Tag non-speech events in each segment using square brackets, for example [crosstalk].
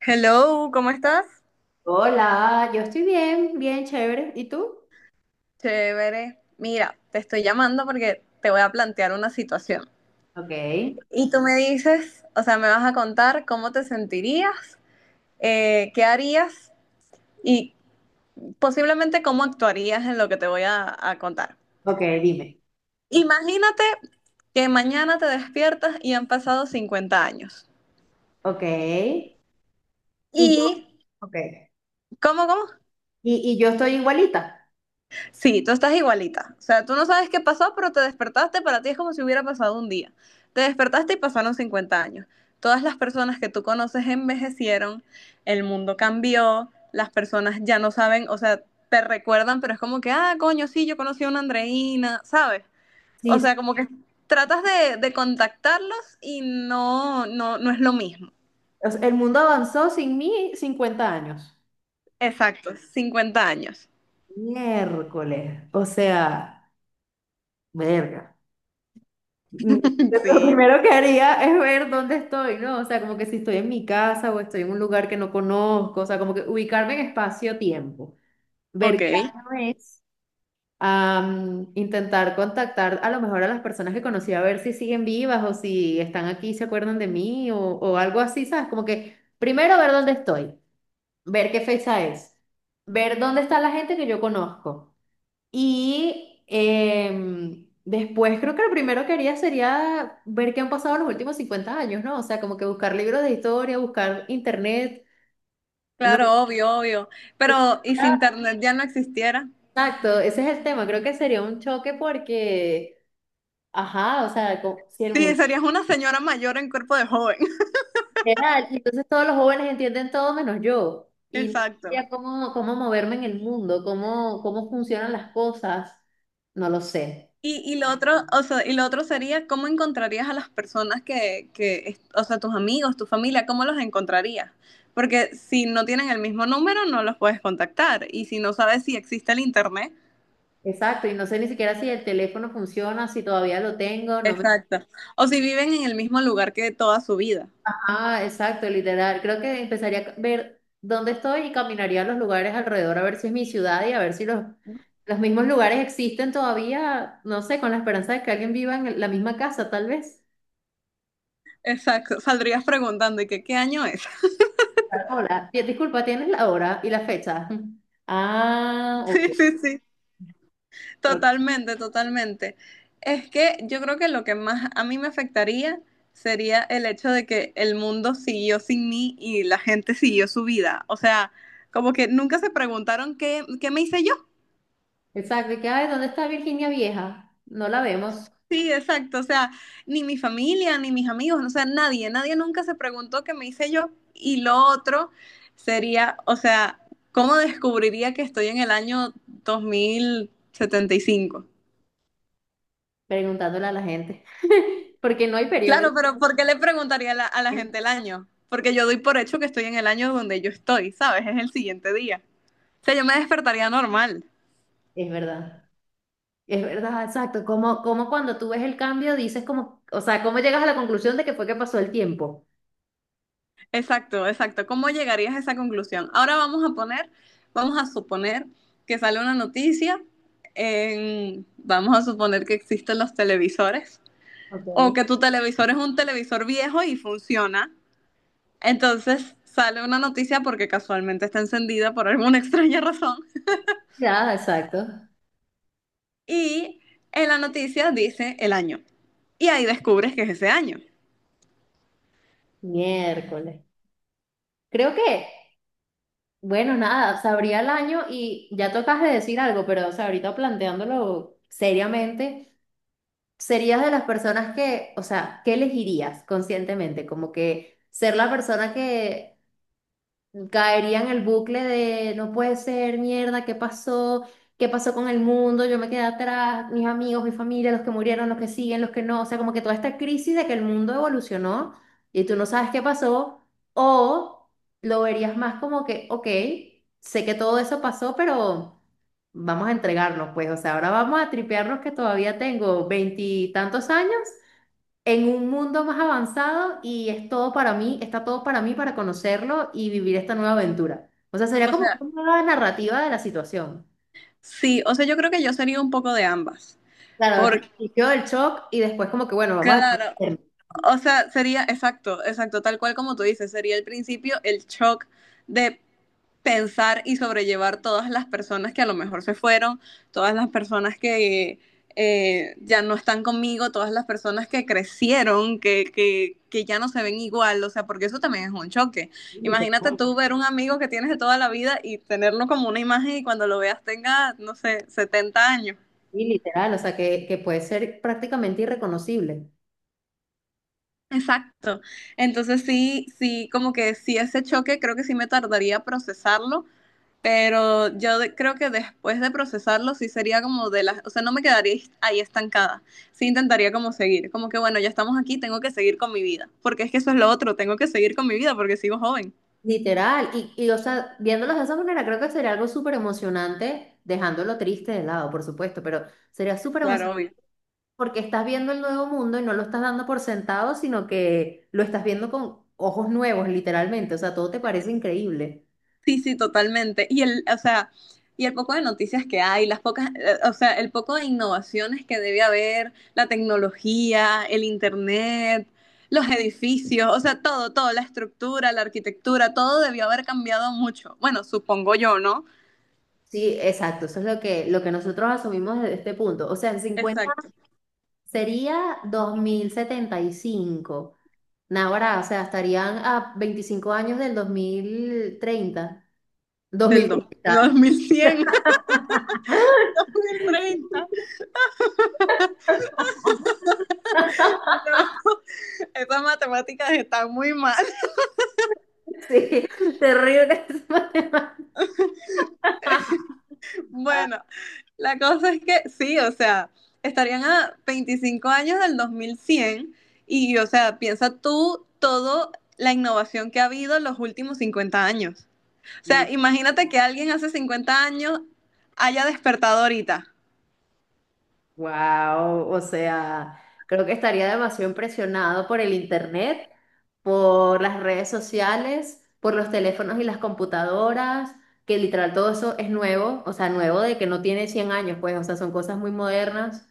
Hello, ¿cómo estás? Hola, yo estoy bien, bien, chévere. ¿Y tú? Chévere. Mira, te estoy llamando porque te voy a plantear una situación. Ok, Y tú me dices, o sea, me vas a contar cómo te sentirías, qué harías y posiblemente cómo actuarías en lo que te voy a contar. ok, dime. Imagínate que mañana te despiertas y han pasado 50 años. Ok. Y yo, ¿Y ok. cómo? Y yo estoy igualita. Sí, tú estás igualita. O sea, tú no sabes qué pasó, pero te despertaste, para ti es como si hubiera pasado un día. Te despertaste y pasaron 50 años. Todas las personas que tú conoces envejecieron, el mundo cambió, las personas ya no saben, o sea, te recuerdan, pero es como que, ah, coño, sí, yo conocí a una Andreina, ¿sabes? O Sí, sí. sea, como que tratas de contactarlos y no, no, no es lo mismo. O sea, el mundo avanzó sin mí 50 años. Exacto, 50 años. Miércoles. O sea, verga. Mm, [laughs] Lo Sí, primero que haría es ver dónde estoy, ¿no? O sea, como que si estoy en mi casa o estoy en un lugar que no conozco, o sea, como que ubicarme en espacio-tiempo. Ver ok. qué año es. Intentar contactar a lo mejor a las personas que conocí a ver si siguen vivas o si están aquí, se acuerdan de mí o algo así, ¿sabes? Como que primero ver dónde estoy, ver qué fecha es, ver dónde está la gente que yo conozco. Y después creo que lo primero que haría sería ver qué han pasado los últimos 50 años, ¿no? O sea, como que buscar libros de historia, buscar internet. No, Claro, obvio, obvio. Pero, ¿y si internet ya no existiera? exacto, ese es el tema. Creo que sería un choque porque... Ajá, o sea, si el Sí, mundo. serías una señora mayor en cuerpo de joven. [laughs] Literal, y entonces todos los jóvenes entienden todo menos yo. Y no Exacto. sabía cómo moverme en el mundo, cómo funcionan las cosas. No lo sé. Y lo otro, o sea, y lo otro sería cómo encontrarías a las personas o sea, tus amigos, tu familia, ¿cómo los encontrarías? Porque si no tienen el mismo número, no los puedes contactar. Y si no sabes si existe el internet, Exacto, y no sé ni siquiera si el teléfono funciona, si todavía lo tengo, no me... exacto. O si viven en el mismo lugar que toda su vida. Ah, exacto, literal. Creo que empezaría a ver dónde estoy y caminaría a los lugares alrededor a ver si es mi ciudad y a ver si los mismos lugares existen todavía, no sé, con la esperanza de que alguien viva en la misma casa, tal vez. Exacto. Saldrías preguntando, ¿y qué, qué año es? Hola, disculpa, ¿tienes la hora y la fecha? Ah, [laughs] ok. Sí, sí, sí. Creo- Totalmente, totalmente. Es que yo creo que lo que más a mí me afectaría sería el hecho de que el mundo siguió sin mí y la gente siguió su vida. O sea, como que nunca se preguntaron qué, qué me hice yo. Exacto, y que, ay, ¿dónde está Virginia Vieja? No la vemos, Sí, exacto. O sea, ni mi familia, ni mis amigos, o sea, nadie, nadie nunca se preguntó qué me hice yo. Y lo otro sería, o sea, ¿cómo descubriría que estoy en el año 2075? preguntándole a la gente, [laughs] porque no hay Claro, periódico. pero ¿por qué le preguntaría a la gente el año? Porque yo doy por hecho que estoy en el año donde yo estoy, ¿sabes? Es el siguiente día. O sea, yo me despertaría normal. Es verdad, es verdad, exacto. Como cuando tú ves el cambio, dices como, o sea, ¿cómo llegas a la conclusión de que fue que pasó el tiempo? Exacto, exacto. ¿Cómo llegarías a esa conclusión? Ahora vamos a poner, vamos a suponer que sale una noticia, vamos a suponer que existen los televisores o Ok. que tu televisor es un televisor viejo y funciona. Entonces sale una noticia porque casualmente está encendida por alguna [laughs] extraña razón. Ya, exacto. Y en la noticia dice el año. Y ahí descubres que es ese año. Miércoles. Creo que, bueno, nada, se abría el año y ya tocas de decir algo, pero, o sea, ahorita planteándolo seriamente. ¿Serías de las personas que, o sea, qué elegirías conscientemente? Como que ser la persona que caería en el bucle de no puede ser, mierda, ¿qué pasó? ¿Qué pasó con el mundo? Yo me quedé atrás, mis amigos, mi familia, los que murieron, los que siguen, los que no. O sea, como que toda esta crisis de que el mundo evolucionó y tú no sabes qué pasó. O lo verías más como que, ok, sé que todo eso pasó, pero vamos a entregarnos, pues, o sea, ahora vamos a tripearnos que todavía tengo veintitantos años en un mundo más avanzado y es todo para mí, está todo para mí para conocerlo y vivir esta nueva aventura. O sea, sería O como sea, una nueva narrativa de la situación. sí, o sea, yo creo que yo sería un poco de ambas. Claro, al Porque, principio el shock y después como que, bueno, vamos a claro, ver. o sea, sería exacto, exacto, tal cual como tú dices, sería el principio, el shock de pensar y sobrellevar todas las personas que a lo mejor se fueron, todas las personas que ya no están conmigo, todas las personas que crecieron, que ya no se ven igual, o sea, porque eso también es un choque. Imagínate Literal, tú ver un amigo que tienes de toda la vida y tenerlo como una imagen y cuando lo veas tenga, no sé, 70 años. sí, literal, o sea, que puede ser prácticamente irreconocible. Exacto. Entonces sí, sí, como que sí ese choque creo que sí me tardaría a procesarlo. Pero yo creo que después de procesarlo sí sería como de las, o sea, no me quedaría ahí estancada. Sí intentaría como seguir, como que bueno, ya estamos aquí, tengo que seguir con mi vida, porque es que eso es lo otro, tengo que seguir con mi vida porque sigo joven. Literal, y o sea, viéndolos de esa manera, creo que sería algo súper emocionante, dejándolo triste de lado, por supuesto, pero sería súper Claro, emocionante obvio. porque estás viendo el nuevo mundo y no lo estás dando por sentado, sino que lo estás viendo con ojos nuevos, literalmente. O sea, todo te parece increíble. Sí, sí, totalmente. Y el, o sea, y el poco de noticias que hay, las pocas, o sea, el poco de innovaciones que debe haber, la tecnología, el internet, los edificios, o sea, todo, todo, la estructura, la arquitectura, todo debió haber cambiado mucho. Bueno, supongo yo, ¿no? Sí, exacto. Eso es lo que nosotros asumimos desde este punto. O sea, en cincuenta Exacto. sería 2075. Ahora, o sea, estarían a 25 años del dos mil treinta. dos mil Perdón. treinta. 2100, 2030. [laughs] No, esas matemáticas están muy mal. Sí, [laughs] terrible. [laughs] Bueno, la cosa es que sí, o sea, estarían a 25 años del 2100 y, o sea, piensa tú todo la innovación que ha habido en los últimos 50 años. O sea, imagínate que alguien hace 50 años haya despertado ahorita. Wow, o sea, creo que estaría demasiado impresionado por el internet, por las redes sociales, por los teléfonos y las computadoras, que literal todo eso es nuevo, o sea, nuevo de que no tiene 100 años, pues, o sea, son cosas muy modernas.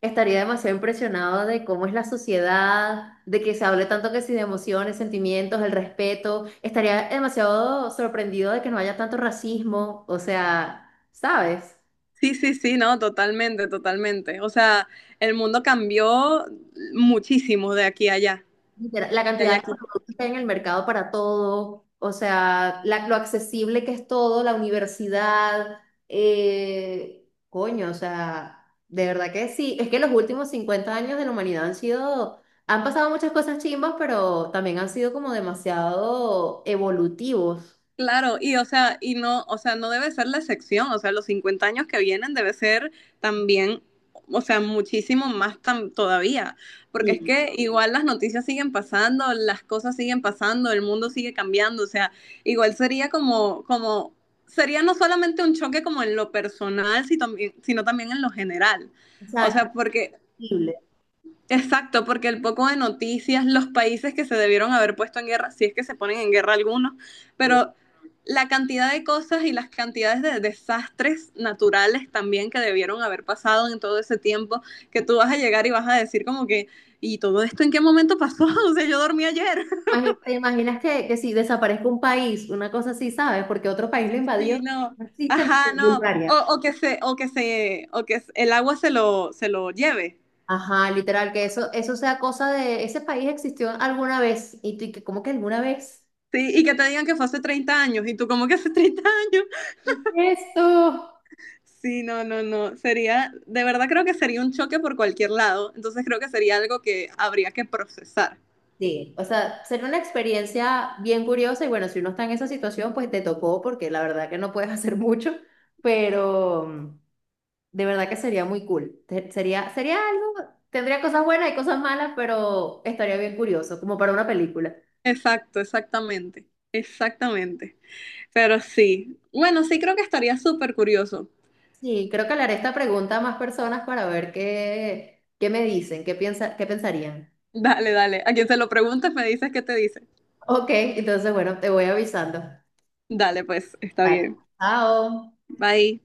Estaría demasiado impresionado de cómo es la sociedad, de que se hable tanto que si de emociones, sentimientos, el respeto. Estaría demasiado sorprendido de que no haya tanto racismo, o sea, ¿sabes? Sí, sí, sí, no, totalmente, totalmente. O sea, el mundo cambió muchísimo de aquí a allá. Literal, la De cantidad de Jackie. productos que hay en el mercado para todo, o sea, lo accesible que es todo, la universidad, coño, o sea, de verdad que sí. Es que los últimos 50 años de la humanidad han sido, han pasado muchas cosas chimbas, pero también han sido como demasiado evolutivos. Claro, y o sea, y no, o sea, no debe ser la excepción, o sea, los 50 años que vienen debe ser también, o sea, muchísimo más tan, todavía, porque es Sí, que igual las noticias siguen pasando, las cosas siguen pasando, el mundo sigue cambiando, o sea, igual sería sería no solamente un choque como en lo personal, si también- sino también en lo general. O exacto, sea, porque accesible. exacto, porque el poco de noticias, los países que se debieron haber puesto en guerra, si es que se ponen en guerra algunos, Sí. pero la cantidad de cosas y las cantidades de desastres naturales también que debieron haber pasado en todo ese tiempo, que tú vas a llegar y vas a decir como que, ¿y todo esto en qué momento pasó? [laughs] O sea, yo dormí ayer. [laughs] ¿Te imaginas que si desaparezca un país, una cosa así, ¿sabes? Porque otro país lo invadió, Sí, no. no existe no sé, Ajá, no. Bulgaria. O que el agua se lo lleve. Ajá, literal, que eso sea cosa de ese país existió alguna vez y tú, y que ¿cómo que alguna vez? Sí, y que te digan que fue hace 30 años, y tú como que hace 30 años. ¿Qué es esto? Sí, no, no, no. Sería, de verdad creo que sería un choque por cualquier lado. Entonces creo que sería algo que habría que procesar. Sí, o sea, sería una experiencia bien curiosa y bueno, si uno está en esa situación, pues te tocó porque la verdad que no puedes [laughs] hacer mucho, pero de verdad que sería muy cool. Sería algo, tendría cosas buenas y cosas malas, pero estaría bien curioso, como para una película. Exacto, exactamente. Exactamente. Pero sí. Bueno, sí creo que estaría súper curioso. Sí, creo que le haré esta pregunta a más personas para ver qué me dicen, qué piensa, qué pensarían. Dale, dale. A quien se lo preguntes me dices qué te dice. Ok, entonces bueno, te voy avisando. Dale, pues, está Vale. bien. Chao. Bye.